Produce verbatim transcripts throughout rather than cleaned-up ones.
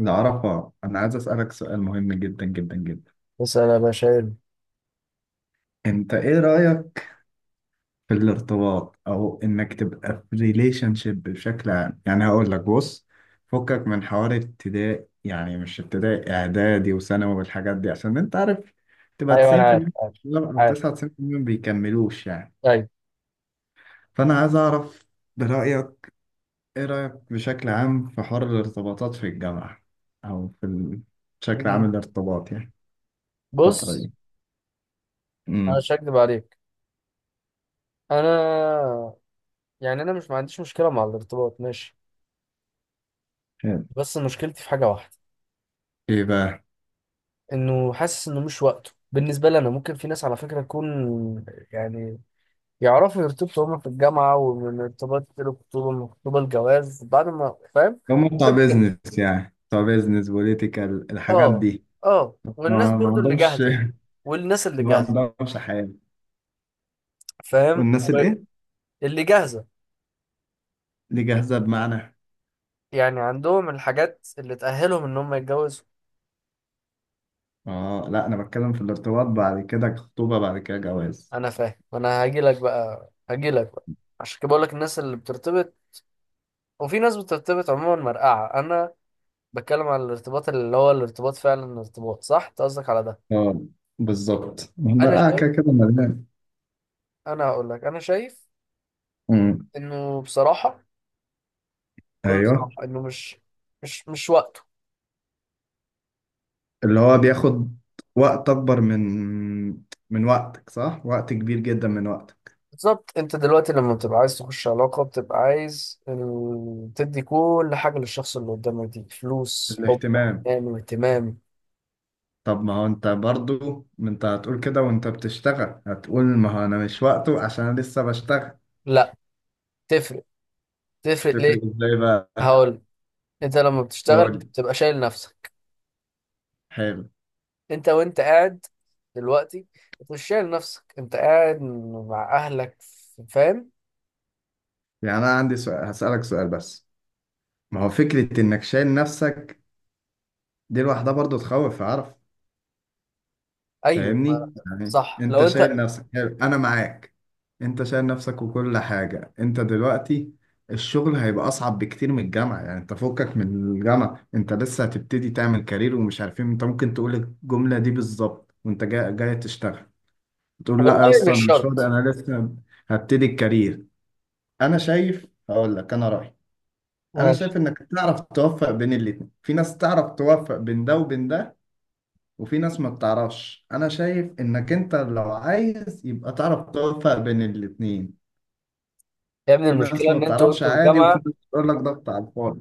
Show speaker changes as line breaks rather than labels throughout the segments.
العرفة، أنا عايز أسألك سؤال مهم جدا جدا جدا.
اسأل يا باشا إيه؟
أنت إيه رأيك في الارتباط أو إنك تبقى في ريليشن شيب بشكل عام؟ يعني هقول لك بص، فكك من حوار ابتدائي، يعني مش ابتدائي، إعدادي وثانوي والحاجات دي، عشان أنت عارف تبقى
ايوه انا عارف
تسعين بالمية
عارف
لا أو
عارف
تسعة وتسعين بالمية ما بيكملوش يعني.
ايوه
فأنا عايز أعرف برأيك، إيه رأيك بشكل عام في حوار الارتباطات في الجامعة؟ أو في ال- بشكل عام
مم.
الارتباط يعني الفترة
بص،
دي
انا
امم
مش هكدب عليك. انا، يعني انا مش ما عنديش مشكله مع الارتباط ماشي،
حلو.
بس مشكلتي في حاجه واحده،
ايه بقى؟
انه حاسس انه مش وقته بالنسبه لي. انا ممكن في ناس على فكره تكون، يعني يعرفوا يرتبطوا هما في الجامعه ومن ارتباط الخطوبه، من الخطوبه الجواز بعد، ما فاهم.
هم بتوع
يمكن،
بيزنس، يعني بتوع بيزنس بوليتيكال الحاجات
اه
دي.
اه. والناس
ما, ما
برضو اللي
عندهمش.
جاهزه، والناس اللي
ما
جاهزه،
عندهمش حياة.
فاهم؟
والناس الايه،
اللي جاهزه
اللي جاهزة بمعنى؟
يعني عندهم الحاجات اللي تأهلهم إن هم يتجوزوا.
اه لا، انا بتكلم في الارتباط بعد كده خطوبة بعد كده جواز.
أنا فاهم، أنا هاجيلك بقى هاجيلك بقى. عشان كده بقولك الناس اللي بترتبط، وفي ناس بترتبط عموما مرقعة. أنا بتكلم على الارتباط اللي هو الارتباط فعلا، الارتباط صح، أنت قصدك على ده.
اه بالظبط،
أنا
المرأة
شايف،
كده كده مليان.
أنا هقولك أنا شايف
أمم،
إنه بصراحة، بكل
ايوه.
صراحة، إنه مش مش مش وقته.
اللي هو بياخد وقت اكبر من من وقتك، صح، وقت كبير جدا من وقتك.
بالظبط، أنت دلوقتي لما بتبقى عايز تخش علاقة، بتبقى عايز ال... تدي كل حاجة للشخص اللي قدامك، دي فلوس، حب،
الاهتمام.
حنان واهتمام.
طب ما هو انت برضو، ما انت هتقول كده وانت بتشتغل، هتقول ما هو انا مش وقته عشان انا لسه بشتغل.
لا، تفرق. تفرق
تفرق
ليه؟
ازاي بقى؟
هقول. انت لما بتشتغل
قول.
بتبقى شايل نفسك،
حلو.
انت وانت قاعد دلوقتي انت مش شايل نفسك، انت قاعد مع اهلك، فاهم؟
يعني انا عندي سؤال، هسألك سؤال بس، ما هو فكرة انك شايل نفسك دي لوحدها برضو تخوف، اعرف.
ايوه. ما-
فاهمني؟ يعني
صح
انت
لو
شايل
انت.
نفسك، حلو، انا معاك. انت شايل نفسك وكل حاجة انت دلوقتي، الشغل هيبقى اصعب بكتير من الجامعة. يعني انت فكك من الجامعة، انت لسه هتبتدي تعمل كارير ومش عارفين. انت ممكن تقول الجملة دي بالظبط وانت جاي, جاي تشتغل، تقول لا يا
والله
اسطى انا
مش
مش فاضي،
شرط.
انا لسه هبتدي الكارير. انا شايف، هقول لك انا رأيي. انا
ماشي.
شايف انك تعرف توفق بين الاتنين. في ناس تعرف توفق بين ده وبين ده وفي ناس ما بتعرفش. انا شايف انك انت لو عايز يبقى تعرف توفق بين الاتنين.
يا ابني
في ناس
المشكله
ما
ان انتوا،
بتعرفش
وانتوا في
عادي، وفي
جامعه
ناس بتقول لك ضغط على الفاضي.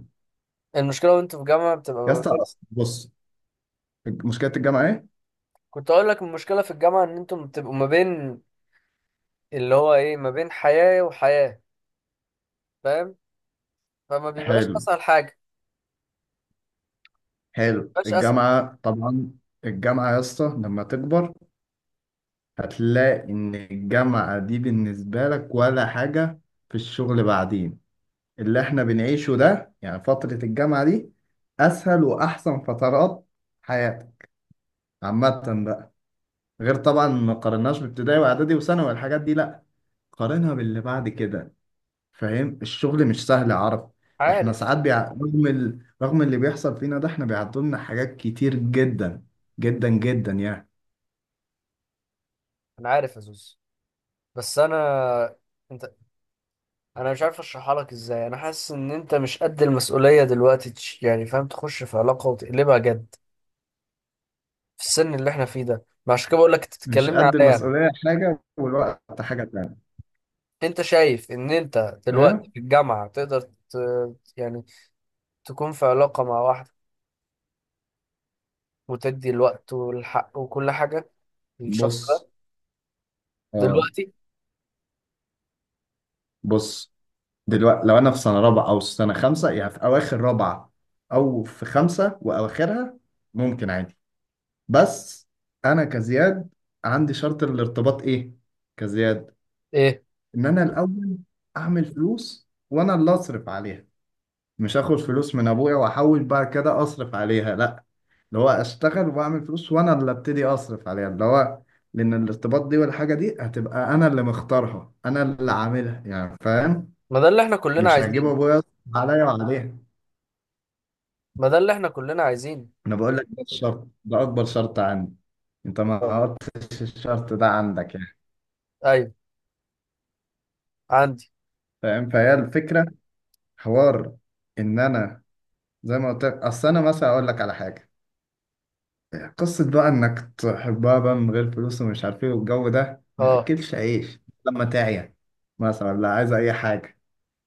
المشكله وانتوا في جامعه بتبقى
يا
ما
اسطى
بين...
أصل بص، مشكلة الجامعة ايه.
كنت اقول لك المشكله في الجامعه ان انتوا بتبقوا ما بين، اللي هو ايه، ما بين حياه وحياه، فاهم؟ فما بيبقاش
حلو
اسهل حاجه،
حلو،
ما بيبقاش اسهل.
الجامعة طبعا. الجامعة يا اسطى لما تكبر، هتلاقي ان الجامعة دي بالنسبة لك ولا حاجة في الشغل بعدين. اللي احنا بنعيشه ده، يعني فترة الجامعة دي، اسهل واحسن فترات حياتك عامة بقى. غير طبعا، ما قارناش بابتدائي واعدادي وثانوي والحاجات دي، لا، قارنها باللي بعد كده. فاهم، الشغل مش سهل يا عرب. احنا
عارف.
ساعات بيع... رغم ال... رغم اللي بيحصل فينا ده، احنا بيعدوا لنا حاجات كتير جدا جدا جدا يعني.
انا عارف يا زوز بس انا، انت، انا مش عارف اشرحها لك ازاي. انا حاسس ان انت مش قد المسؤوليه دلوقتي، تش- يعني فاهم، تخش في علاقه وتقلبها جد في السن اللي احنا فيه ده. ما عشان كده بقول لك
مش
تتكلمني
قد
عليا انا.
المسؤولية حاجة، والوقت حاجة تانية.
انت شايف ان انت
ايه؟
دلوقتي في الجامعه تقدر ت... يعني تكون في علاقه مع واحده، وتدي الوقت والحق وكل حاجه للشخص ده
بص. اه.
دلوقتي؟
بص، دلوقتي لو انا في سنة رابعة او سنة خمسة، يعني في اواخر رابعة او في خمسة واواخرها، ممكن عادي. بس انا كزياد عندي شرط الارتباط ايه كزياد،
ايه،
ان انا الاول اعمل فلوس وانا اللي اصرف عليها. مش اخد فلوس من ابويا واحاول بعد كده اصرف عليها، لا، اللي هو اشتغل واعمل فلوس وانا اللي ابتدي اصرف عليها، اللي هو لان الارتباط دي والحاجه دي هتبقى انا اللي مختارها، انا اللي عاملها، يعني فاهم.
ما ده اللي احنا كلنا
مش هجيب
عايزينه،
ابويا يصرف عليا وعليها.
ما ده اللي احنا كلنا عايزينه.
انا بقول لك ده الشرط، ده اكبر شرط عندي. انت
آه،
ما قلتش الشرط ده عندك يعني؟
ايوه عندي.
فاهم، فهي الفكره، حوار ان انا زي ما قلت لك. اصل انا مثلا اقول لك على حاجه، قصه بقى انك تحبها بقى من غير فلوس ومش عارف ايه والجو ده، ما
اه،
ياكلش عيش. لما تعيا مثلا لا عايزه اي حاجه،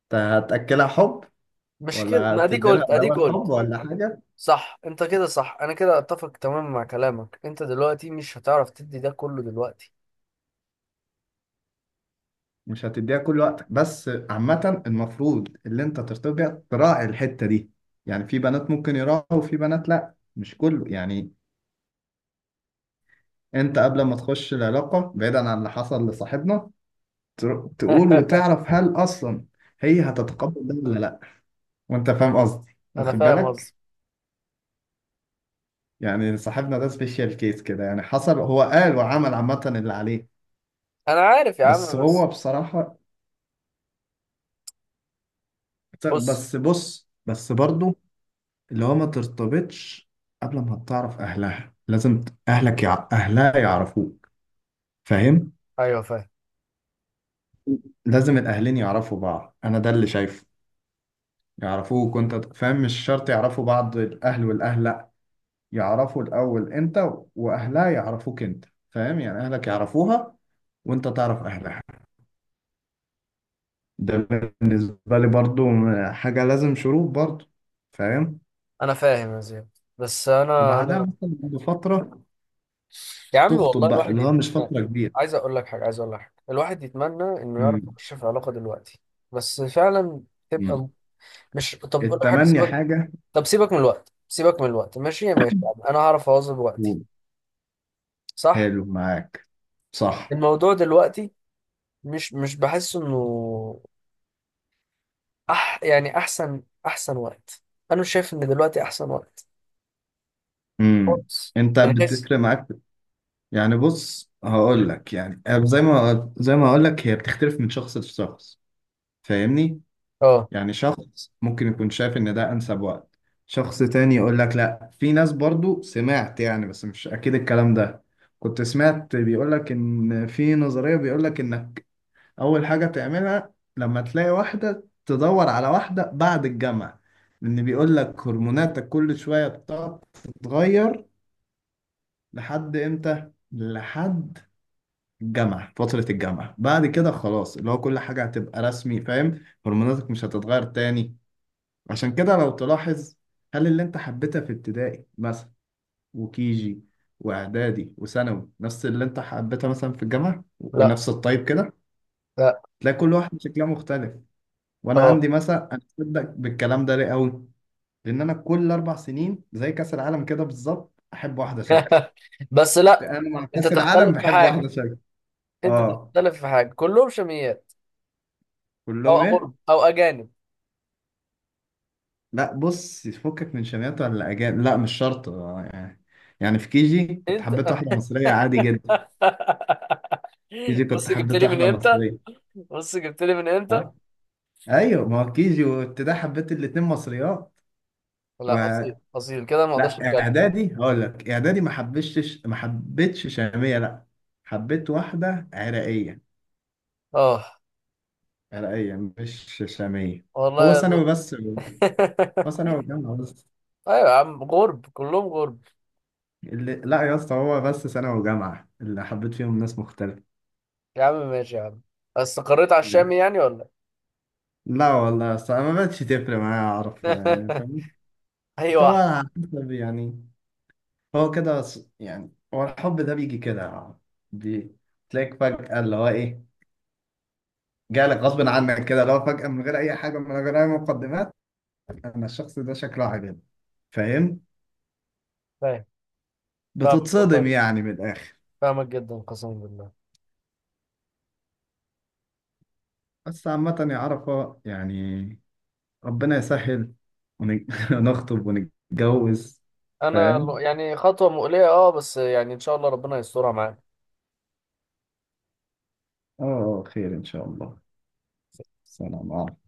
انت هتاكلها حب
مش كده؟
ولا
ما اديك
هتدي لها
قلت اديك
دواء الحب
قلت.
ولا حاجه.
صح، انت كده صح، انا كده اتفق تماما مع كلامك. انت دلوقتي مش هتعرف تدي ده كله دلوقتي.
مش هتديها كل وقتك، بس عامه المفروض اللي انت ترتبط بيها تراعي الحته دي. يعني في بنات ممكن يراعوا وفي بنات لا، مش كله يعني. انت قبل ما تخش العلاقه بعيدا عن اللي حصل لصاحبنا، تر- تقول وتعرف هل اصلا هي هتتقبل ده ولا لا، وانت فاهم قصدي
انا
واخد
فاهم قصدي.
بالك. يعني صاحبنا ده سبيشال كيس كده يعني، حصل هو قال وعمل عامة اللي عليه.
انا عارف يا
بس
عم
هو
بس.
بصراحة،
بص.
بس بص، بس برضو، اللي هو ما ترتبطش قبل ما تعرف اهلها. لازم اهلك يع... اهلها يعرفوك، فاهم؟
ايوه فاهم.
لازم الاهلين يعرفوا بعض، انا ده اللي شايفه. يعرفوك وانت فاهم، مش شرط يعرفوا بعض الاهل والاهل، يعرفوا الأول أنت، وأهلها يعرفوك أنت. فاهم؟ يعني أهلك يعرفوها وأنت تعرف أهلها. ده بالنسبة لي برضو حاجة لازم، شروط برضو. فاهم؟
انا فاهم يا زياد بس انا
وبعدها
انا.
مثلا بعد فترة
يا عم
تخطب
والله
بقى،
الواحد
اللي هو مش
يتمنى،
فترة كبيرة.
عايز اقول لك حاجه، عايز اقول لك حاجه، الواحد يتمنى انه يعرف
امم
يخش في علاقه دلوقتي، بس فعلا
امم
تبقى. مش، طب اقول لك حاجه،
التمني
سيبك،
حاجة.
طب سيبك من الوقت، سيبك من الوقت ماشي، ماشي يا عم. انا هعرف اواظب وقتي،
و-
صح؟
حلو، معاك، صح.
الموضوع دلوقتي مش مش بحس انه أح يعني احسن احسن وقت. انا مش شايف ان دلوقتي احسن وقت
امم
خالص.
أنت
من حيث،
بتفرق معاك؟ يعني بص، هقول لك، يعني زي ما زي ما هقول لك، هي بتختلف من شخص لشخص، فاهمني؟
اه
يعني شخص ممكن يكون شايف ان ده انسب وقت، شخص تاني يقول لك لا. في ناس برضو، سمعت يعني بس مش اكيد الكلام ده، كنت سمعت بيقول لك ان في نظرية بيقول لك انك اول حاجة تعملها لما تلاقي واحدة، تدور على واحدة بعد الجامعة. لان بيقول لك هرموناتك كل شوية بتقعد تتغير لحد امتى؟ لحد الجامعة، فترة الجامعة، بعد كده خلاص اللي هو كل حاجة هتبقى رسمي، فاهم؟ هرموناتك مش هتتغير تاني. عشان كده لو تلاحظ، هل اللي انت حبيتها في ابتدائي مثلا وكيجي واعدادي وثانوي نفس اللي انت حبيتها مثلا في الجامعه
لا
ونفس الطيب كده؟
لا.
تلاقي كل واحد شكلها مختلف. وانا عندي
اه،
مثلا، انا بصدق بالكلام ده ليه قوي، لان انا كل اربع سنين زي كاس العالم كده بالظبط احب واحده شكل.
بس لا.
انا مع
انت
كاس العالم
تختلف في
بحب
حاجه،
واحده شكل.
انت
اه.
تختلف في حاجه، كلهم شاميات او
كلهم ايه؟
أغرب او اجانب.
لا بص، فكك من شميات ولا اجانب، لا مش شرط، آه، يعني يعني في كيجي كنت
انت،
حبيت واحده مصريه عادي جدا. كيجي كنت
بص جبت
حبيت
لي من
واحدة
امتى،
مصرية.
بص جبت لي من امتى.
ها؟ ايوه، ما هو كيجي وابتدائي حبيت الاتنين مصريات. و...
لا اصيل اصيل كده ما اقدرش
لا
اتكلم.
اعدادي، هقول لك اعدادي ما حبيتش ما حبيتش شامية، لا، حبيت واحدة عراقية.
اه،
عراقية مش شامية.
والله
هو
يا زلمة.
ثانوي بس. هو ثانوي وجامعة بس.
ايوه يا عم، غرب كلهم غرب.
اللي... لا يا اسطى، هو بس ثانوي وجامعة اللي حبيت فيهم ناس مختلفة.
يا عم ماشي يا عم، بس قريت على الشامي يعني ولا
لا والله يا اسطى، ما بقتش تفرق معايا، اعرف يعني،
إيه؟
فاهم؟
اي
بس هو
واحد.
على حسب يعني، هو كده ص- يعني هو الحب ده بيجي كده. بي- تلاقيك فجأة، اللي هو إيه، جالك غصب عنك كده، اللي هو فجأة من غير أي حاجة، من غير أي مقدمات، أنا الشخص ده شكله عاجبني. فاهم؟
فاهم. فاهمك
بتتصدم
والله،
يعني من الآخر.
فاهمك جدا قسما بالله.
بس عامة يا عرفة يعني، ربنا يسهل ون- ونخطب ونتجوز.
انا ال-
فاهم؟
يعني خطوه مؤليه اه، بس يعني ان شاء الله ربنا يسترها معانا.
اه، آه، خير إن شاء الله. سلام عليكم.